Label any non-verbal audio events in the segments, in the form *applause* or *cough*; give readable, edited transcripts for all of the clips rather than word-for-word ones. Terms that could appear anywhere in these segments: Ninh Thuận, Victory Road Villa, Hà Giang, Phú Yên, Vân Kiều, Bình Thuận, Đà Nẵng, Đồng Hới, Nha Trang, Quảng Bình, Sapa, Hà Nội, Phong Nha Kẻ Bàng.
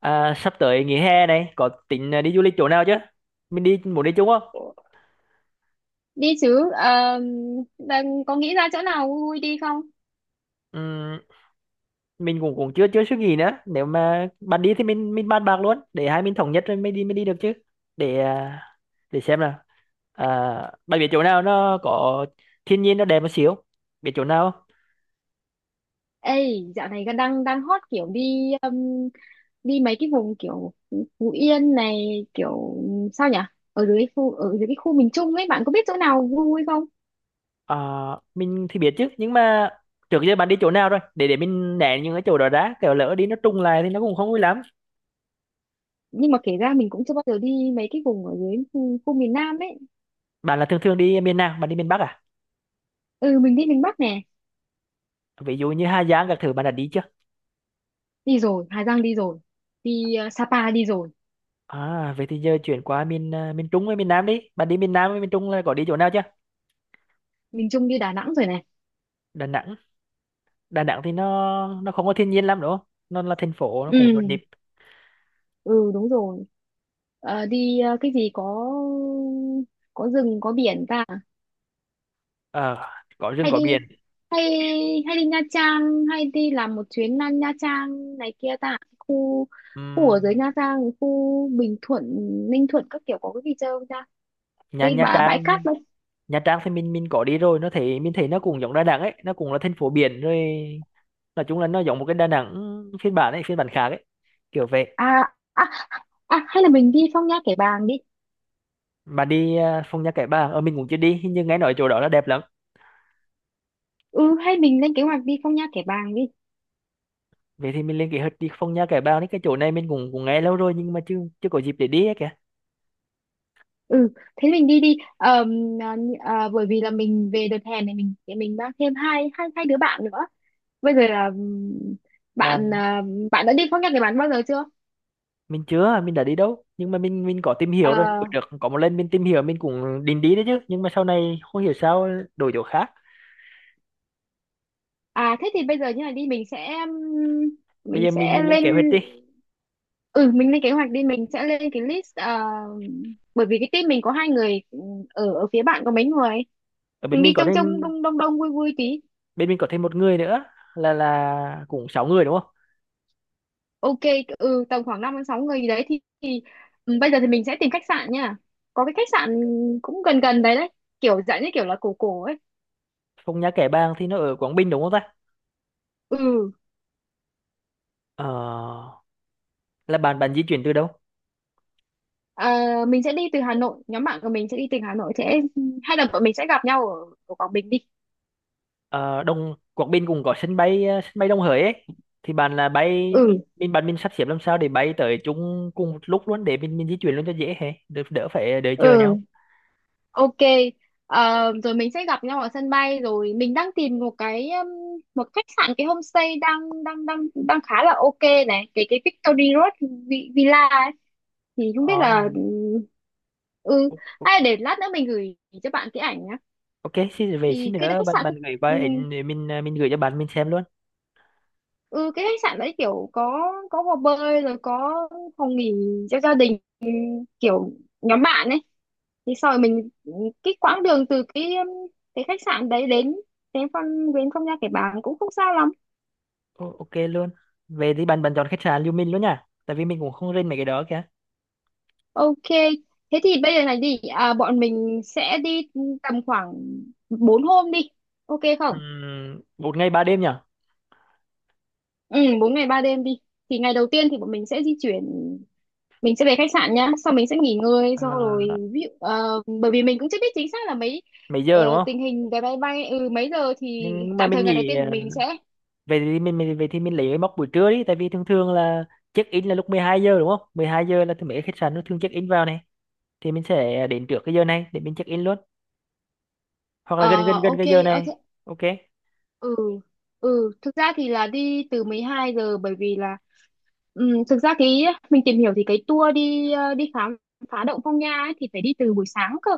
À, sắp tới nghỉ hè này có tính đi du lịch chỗ nào chứ? Mình đi muốn đi chung không? Đi chứ. Ờ, Đang có nghĩ ra chỗ nào vui vui đi không? Ừm, mình cũng cũng chưa chưa suy nghĩ nữa. Nếu mà bạn đi thì mình bàn bạc luôn để hai mình thống nhất rồi mới đi được chứ. Để à, để xem nào. À, bạn biết chỗ nào nó có thiên nhiên nó đẹp một xíu. Biết chỗ nào không? Ê, dạo này đang đang hot kiểu đi đi mấy cái vùng kiểu Phú Yên này, kiểu sao nhỉ, ở dưới cái khu miền Trung ấy, bạn có biết chỗ nào vui vui không? À, mình thì biết chứ nhưng mà trước giờ bạn đi chỗ nào rồi? Để mình né những cái chỗ đó ra. Kiểu lỡ đi nó trùng lại thì nó cũng không vui lắm. Nhưng mà kể ra mình cũng chưa bao giờ đi mấy cái vùng ở dưới khu miền Nam ấy. Bạn là thường thường đi miền nào? Bạn đi miền Bắc à? Ừ, mình đi miền Bắc nè. Ví dụ như Hà Giang các thứ bạn đã đi chưa? Đi rồi, Hà Giang đi rồi. Đi Sapa đi rồi. À, vậy thì giờ chuyển qua miền Trung với miền Nam đi. Bạn đi miền Nam với miền Trung là có đi chỗ nào chưa? Miền Trung đi Đà Nẵng rồi này. Đà Nẵng. Đà Nẵng thì nó không có thiên nhiên lắm đúng không? Nó là thành phố nó cũng nhộn nhịp. Ừ ừ đúng rồi. Đi cái gì có rừng có biển ta. Ờ, có rừng hay có đi biển. hay hay đi Nha Trang, hay đi làm một chuyến Nha Nha Trang này kia ta, khu khu ở dưới Ừm, Nha Trang, khu Bình Thuận, Ninh Thuận các kiểu, có cái gì chơi không ta? Nha Cái Nha bà bãi Trang, cát đâu? Nha Trang thì mình có đi rồi, nó thấy mình thấy nó cũng giống Đà Nẵng ấy, nó cũng là thành phố biển rồi. Nói chung là nó giống một cái Đà Nẵng phiên bản ấy, phiên bản khác ấy. Kiểu vậy. à à Hay là mình đi Phong Nha Kẻ Bàng đi. Bạn đi Phong Nha Kẻ Bàng, ở mình cũng chưa đi, nhưng nghe nói chỗ đó là đẹp lắm. Ừ, hay mình lên kế hoạch đi Phong Nha Kẻ Bàng đi. Vậy thì mình lên kế hoạch đi Phong Nha Kẻ Bàng đấy. Cái chỗ này mình cũng cũng nghe lâu rồi nhưng mà chưa chưa có dịp để đi ấy kìa. Ừ, thế mình đi đi bởi vì là mình về đợt hè này, mình mang thêm hai hai hai đứa bạn nữa. Bây giờ là, Là bạn à, bạn đã đi phong nhạc để bạn bao giờ chưa? mình chưa, mình đã đi đâu, nhưng mà mình có tìm hiểu rồi. Ờ, Bữa được có một lần mình tìm hiểu, mình cũng định đi đấy chứ nhưng mà sau này không hiểu sao đổi chỗ khác. Thế thì bây giờ như này đi, mình sẽ ừm, Bây mình giờ mình, sẽ mình lên lên. kế hoạch đi. Ừ, mình lên kế hoạch đi, mình sẽ lên cái list, bởi vì cái team mình có hai người. Ừ, ở ở phía bạn có mấy người? Ở bên Mình mình đi có trong thêm trong đông đông đông vui vui tí. Bên mình có thêm một người nữa. Là cũng sáu người đúng không? Ok, ừ, tầm khoảng 5 đến 6 người gì đấy thì. Ừ, bây giờ thì mình sẽ tìm khách sạn nha. Có cái khách sạn cũng gần gần đấy đấy, kiểu dạng như kiểu là cổ cổ ấy. Phong Nha Kẻ Bàng thì nó ở Quảng Bình đúng không ta? Ừ, ờ, là bạn bạn di chuyển từ đâu? Mình sẽ đi từ Hà Nội, nhóm bạn của mình sẽ đi từ Hà Nội sẽ, hay là bọn mình sẽ gặp nhau ở Quảng Bình đi. Ờ, đông Quảng Bình cũng có sân bay Đông Hới ấy. Thì bạn là bay. Ừ, Bạn mình sắp xếp làm sao để bay tới chung cùng lúc luôn để mình di chuyển luôn cho dễ hè đỡ phải đợi chờ ừ, nhau. ok. Rồi mình sẽ gặp nhau ở sân bay, rồi mình đang tìm một cái một khách sạn, cái homestay đang đang đang đang khá là ok này, cái Victory Road Villa ấy. Thì không biết ờ, là, ừ o- o- hay là để lát nữa mình gửi cho bạn cái ảnh nhá. ok, xin về xin Thì nữa bạn bạn gửi qua ừ, ảnh để mình gửi cho bạn mình xem luôn. ừ cái khách sạn đấy kiểu có hồ bơi rồi có phòng nghỉ cho gia đình kiểu nhóm bạn ấy. Thì sau rồi mình, cái quãng đường từ cái khách sạn đấy đến đến phong đến không nha kẻ bàng cũng không xa lắm. Ô, ok luôn. Về thì bạn bạn chọn khách sạn lưu mình luôn nha, tại vì mình cũng không rên mấy cái đó kìa. Ok, thế thì bây giờ này đi, bọn mình sẽ đi tầm khoảng 4 hôm đi, ok không? Một ngày ba đêm nhỉ? Ừ, 4 ngày 3 đêm đi. Thì ngày đầu tiên thì bọn mình sẽ di chuyển, mình sẽ về khách sạn nhá, sau mình sẽ nghỉ ngơi, sau à, rồi ví dụ bởi vì mình cũng chưa biết chính xác là mấy, Mấy giờ đúng không? tình hình vé máy bay, mấy giờ thì Nhưng mà tạm mình thời ngày đầu nghỉ. tiên bọn mình sẽ, Vậy thì mình lấy cái mốc buổi trưa đi, tại vì thường thường là check in là lúc 12 giờ đúng không? 12 giờ là thường mấy cái khách sạn nó thường check in vào này. Thì mình sẽ đến trước cái giờ này để mình check in luôn. Hoặc là gần ờ, gần gần ok, cái giờ này. thế, Ok. ừ thực ra thì là đi từ 12 giờ, bởi vì là, thực ra cái mình tìm hiểu thì cái tour đi đi khám phá động Phong Nha ấy, thì phải đi từ buổi sáng cơ.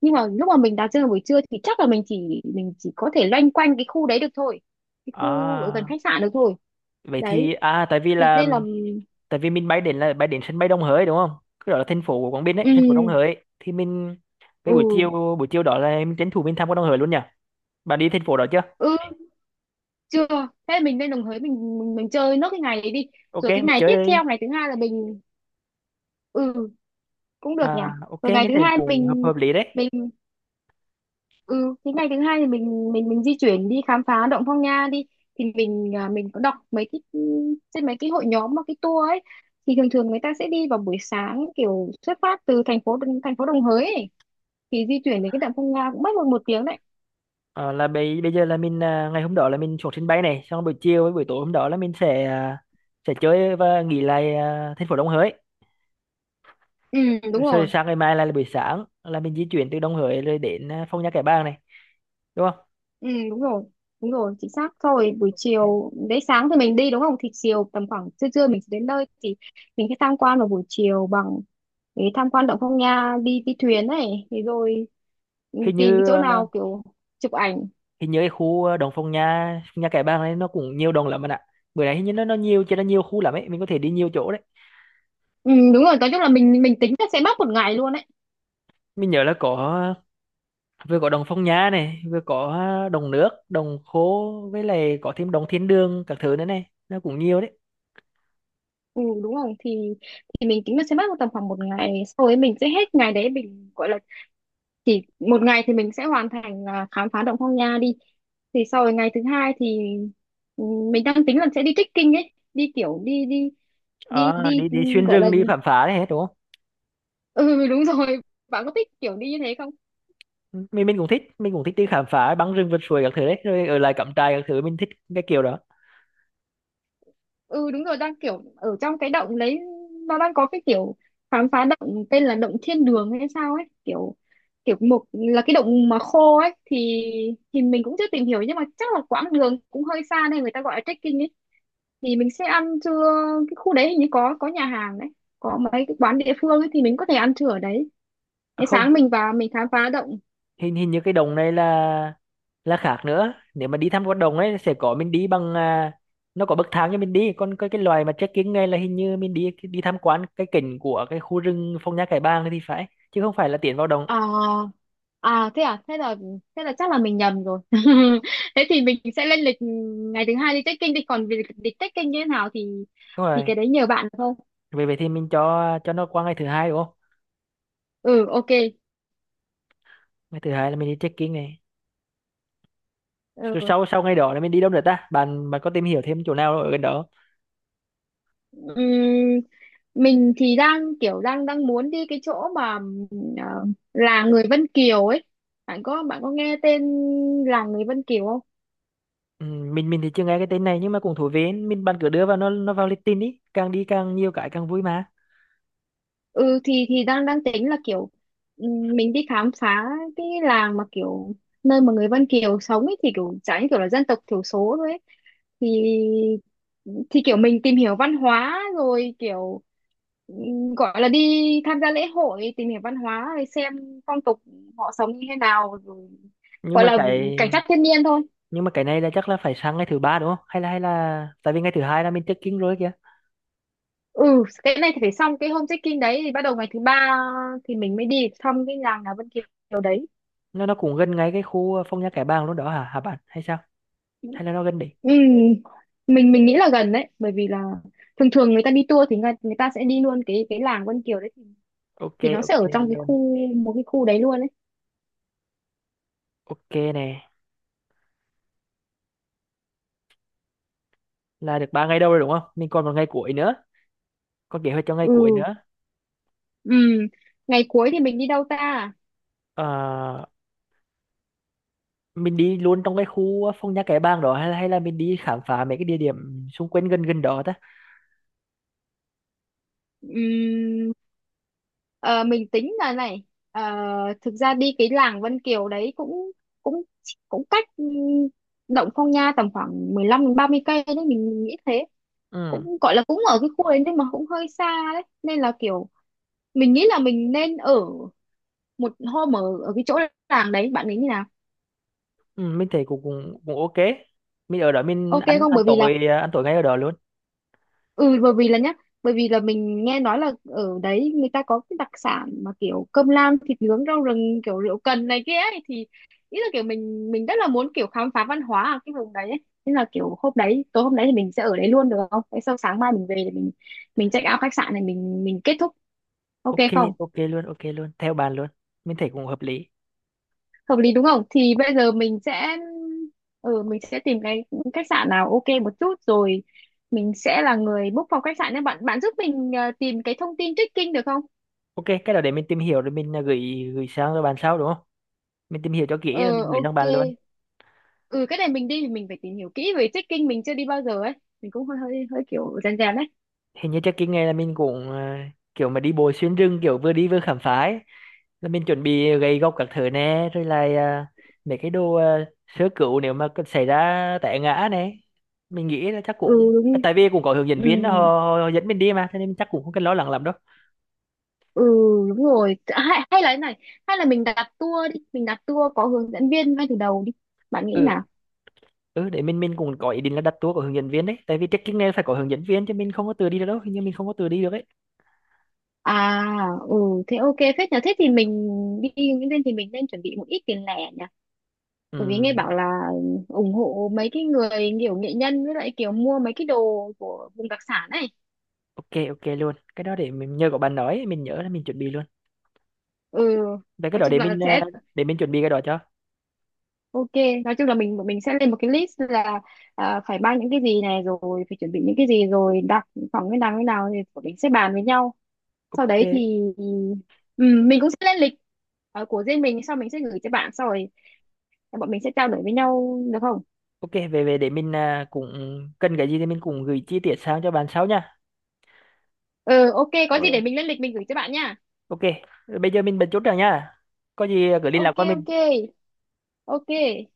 Nhưng mà lúc mà mình đặt chân vào buổi trưa thì chắc là mình chỉ có thể loanh quanh cái khu đấy được thôi, cái khu ở gần à khách sạn được thôi. Vậy thì Đấy, tại vì thế là. nên là. Tại vì mình bay đến sân bay Đông Hới đúng không? Cái đó là thành phố của Quảng Bình ừ ấy, thành phố Đông Hới thì mình. Cái buổi chiều ừ buổi chiều đó là mình tranh thủ mình tham quan Đông Hới luôn nhỉ? Bạn đi thành phố đó chưa? ừ Chưa. Thế mình lên Đồng Hới, mình chơi nốt cái ngày đấy đi. Ok, Rồi cái mình ngày tiếp theo, chơi. ngày thứ hai là mình, ừ, cũng được nhỉ. Ok, Rồi ngày mình thứ thấy hai cũng hợp hợp lý đấy. mình Ừ, thì ngày thứ hai thì mình di chuyển đi khám phá động Phong Nha đi. Thì mình có đọc mấy cái trên mấy cái hội nhóm mà cái tour ấy thì thường thường người ta sẽ đi vào buổi sáng, kiểu xuất phát từ thành phố, thành phố Đồng Hới ấy. Thì di chuyển đến cái động Phong Nha cũng mất một một tiếng đấy. Ờ, là bây bây giờ là ngày hôm đó là mình xuống sân bay này, xong buổi chiều với buổi tối hôm đó là mình sẽ sẽ chơi và nghỉ lại thành phố Đồng Hới. Ừ đúng Rồi rồi. sáng ngày mai là buổi sáng là mình di chuyển từ Đồng Hới rồi đến Phong Nha Kẻ Bàng này. Đúng không? Ừ đúng rồi, đúng rồi, chính xác. Sau rồi buổi chiều đấy, sáng thì mình đi đúng không, thì chiều tầm khoảng trưa trưa mình sẽ đến nơi, thì mình sẽ tham quan vào buổi chiều bằng để tham quan động Phong Nha, đi đi thuyền này, thì rồi hình tìm cái như chỗ à, nào kiểu chụp ảnh. Hình như cái khu Đồng Phong Nha Kẻ Bàng này nó cũng nhiều đồng lắm bạn ạ. Bữa nay hình như nó nhiều cho nó nhiều khu lắm ấy, mình có thể đi nhiều chỗ đấy. Ừ, Đúng rồi, nói chung là mình tính là sẽ mất một ngày luôn đấy. Mình nhớ là vừa có đồng Phong Nhã này, vừa có đồng nước đồng khố, với lại có thêm đồng Thiên Đường các thứ nữa này, nó cũng nhiều đấy. Ừ đúng rồi, thì mình tính là sẽ mất tầm khoảng một ngày, sau ấy mình sẽ hết ngày đấy, mình gọi là chỉ một ngày thì mình sẽ hoàn thành, khám phá động Phong Nha đi. Thì sau rồi ngày thứ hai thì, ừ, mình đang tính là sẽ đi trekking ấy đi kiểu đi đi đi Ờ, đi đi đi xuyên gọi rừng là, đi khám phá đấy hết đúng không? ừ *laughs* đúng rồi. Bạn có thích kiểu đi như thế không? Ừ, mình cũng thích đi khám phá băng rừng vượt suối các thứ đấy, rồi ở lại cắm trại các thứ mình thích cái kiểu đó. Ừ đúng rồi, đang kiểu ở trong cái động đấy, nó đang có cái kiểu khám phá động tên là động thiên đường hay sao ấy, kiểu kiểu một là cái động mà khô ấy, thì mình cũng chưa tìm hiểu nhưng mà chắc là quãng đường cũng hơi xa nên người ta gọi là trekking ấy. Thì mình sẽ ăn trưa, cái khu đấy hình như có nhà hàng đấy, có mấy cái quán địa phương ấy, thì mình có thể ăn trưa ở đấy. À, Thế không. sáng mình vào mình khám phá động. Hình hình như cái đồng này là khác nữa, nếu mà đi thăm con đồng ấy sẽ có mình đi bằng nó có bậc thang cho mình đi. Còn cái loài mà trekking này là hình như mình đi đi tham quan cái cảnh của cái khu rừng Phong Nha Kẻ Bàng thì phải. Chứ không phải là tiến vào đồng. À, Thế là, thế là chắc là mình nhầm rồi *laughs* thế thì mình sẽ lên lịch, ngày thứ hai đi trekking đi, còn việc lịch trekking như thế nào thì Đúng thì cái rồi. đấy nhờ bạn thôi. Vậy vậy thì mình cho nó qua ngày thứ hai đúng không? Ừ, ok, Ngày thứ hai là mình đi check-in này. Rồi ừ. sau sau ngày đó là mình đi đâu nữa ta? Bạn bạn có tìm hiểu thêm chỗ nào ở gần đó? Ừm, mình thì đang kiểu đang đang muốn đi cái chỗ mà ờ, làng người Vân Kiều ấy, bạn có nghe tên làng người Vân Kiều không? Ừ, mình thì chưa nghe cái tên này nhưng mà cũng thú vị ấy. Mình bạn cứ đưa vào nó vào lịch tin đi càng nhiều cái càng vui mà. Ừ, thì đang đang tính là kiểu mình đi khám phá cái làng mà kiểu nơi mà người Vân Kiều sống ấy, thì kiểu chả như kiểu là dân tộc thiểu số thôi ấy. thì thì kiểu mình tìm hiểu văn hóa rồi kiểu gọi là đi tham gia lễ hội, tìm hiểu văn hóa rồi xem phong tục họ sống như thế nào rồi, Nhưng gọi mà là cái cảnh sát thiên nhiên thôi. nhưng mà cái này là chắc là phải sang ngày thứ ba đúng không? Hay là tại vì ngày thứ hai là mình check-in rồi kìa. Ừ, cái này thì phải xong cái home trekking đấy thì bắt đầu ngày thứ ba, thì mình mới đi thăm cái làng nhà Vân Kiều đấy. Nó cũng gần ngay cái khu Phong Nha Kẻ Bàng luôn đó hả hả bạn? Hay sao? Ừ. Hay là nó gần đi? Ừ, mình nghĩ là gần đấy bởi vì là thường thường người ta đi tour thì người ta sẽ đi luôn cái làng Vân Kiều đấy, thì, Ok, thì nó sẽ ok ở trong cái luôn. khu, một cái khu đấy luôn đấy. Ok nè. Là được ba ngày đâu rồi đúng không? Mình còn một ngày cuối nữa. Còn kế hoạch cho ngày cuối ừ nữa. ừ Ngày cuối thì mình đi đâu ta? Ờ, mình đi luôn trong cái khu Phong Nha Kẻ Bàng đó, hay là mình đi khám phá mấy cái địa điểm xung quanh gần gần đó ta? ừ, ờ, mình tính là này, ờ, thực ra đi cái làng Vân Kiều đấy cũng cũng cũng cách, Động Phong Nha tầm khoảng 15 đến 30 cây đấy, mình nghĩ thế. Ừ, Cũng gọi là cũng ở cái khu đấy nhưng mà cũng hơi xa đấy nên là kiểu mình nghĩ là mình nên ở một hôm ở ở cái chỗ làng đấy, bạn nghĩ như nào? ừ, mình thấy cũng cũng cũng ok. Mình ở đó mình Ok ăn không? ăn Bởi vì là, tối à, ăn tối ngay ở đó luôn. ừ bởi vì là nhá, bởi vì là mình nghe nói là ở đấy người ta có cái đặc sản mà kiểu cơm lam, thịt nướng, rau rừng, kiểu rượu cần này kia ấy, thì ý là kiểu mình rất là muốn kiểu khám phá văn hóa ở cái vùng đấy ấy. Thế là kiểu hôm đấy, tối hôm đấy thì mình sẽ ở đấy luôn được không? Thế sau sáng mai mình về thì mình check out khách sạn này, mình kết thúc, ok Ok, không? ok luôn, ok luôn theo bạn luôn. Mình thấy cũng hợp lý. Hợp lý đúng không, thì bây giờ mình sẽ, mình sẽ tìm cái khách sạn nào ok một chút rồi. Mình sẽ là người book phòng khách sạn nên bạn bạn giúp mình tìm cái thông tin trekking được không? Ok, cái đó để mình tìm hiểu rồi mình gửi gửi sang cho bạn sau đúng không? Mình tìm hiểu cho kỹ Ờ rồi mình gửi sang ok. bạn luôn. Ừ, cái này mình đi thì mình phải tìm hiểu kỹ về trekking, mình chưa đi bao giờ ấy, mình cũng hơi hơi hơi kiểu rèn rèn đấy. Hình như chắc cái ngày là mình cũng kiểu mà đi bộ xuyên rừng, kiểu vừa đi vừa khám phá ấy. Là mình chuẩn bị gậy gộc các thứ nè, rồi là mấy cái đồ sơ cứu nếu mà có xảy ra té ngã này. Mình nghĩ là chắc Ừ cũng đúng, tại vì cũng có hướng ừ, dẫn viên đó, họ, họ họ dẫn mình đi mà, cho nên chắc cũng không cần lo lắng lắm đâu. ừ đúng rồi, hay là thế này, hay là mình đặt tour đi, mình đặt tour có hướng dẫn viên ngay từ đầu đi, bạn nghĩ Ừ, nào? ừ, để mình cũng có ý định là đặt tour của hướng dẫn viên đấy, tại vì trekking này phải có hướng dẫn viên chứ mình không có tự đi được đâu. Hình như mình không có tự đi được ấy. À, ừ, Thế ok phết nhờ. Thế thì mình đi Nguyễn Viên thì mình nên chuẩn bị một ít tiền lẻ nhỉ. Bởi vì Ừ, nghe bảo là ủng hộ mấy cái người kiểu nghệ nhân với lại kiểu mua mấy cái đồ của vùng đặc sản này. ok, ok luôn, cái đó để mình nhờ có bạn nói mình nhớ là mình chuẩn bị luôn. Ừ, Vậy cái nói đó chung để là sẽ để mình chuẩn bị cái đó cho. ok. Nói chung là mình sẽ lên một cái list là, phải mang những cái gì này rồi, phải chuẩn bị những cái gì rồi, đặt phòng cái nào thì bọn mình sẽ bàn với nhau. Sau Ok. đấy thì, mình cũng sẽ lên lịch của riêng mình, sau mình sẽ gửi cho bạn, sau rồi bọn mình sẽ trao đổi với nhau được không? Ok, về về để mình cũng cần cái gì thì mình cũng gửi chi tiết sang cho bạn sau nha. Ừ ok, có gì Rồi. để mình lên lịch mình gửi cho bạn nha. Ok. Bây giờ mình bật chút rồi nha. Có gì cứ liên lạc Ok, qua mình. ok, ok.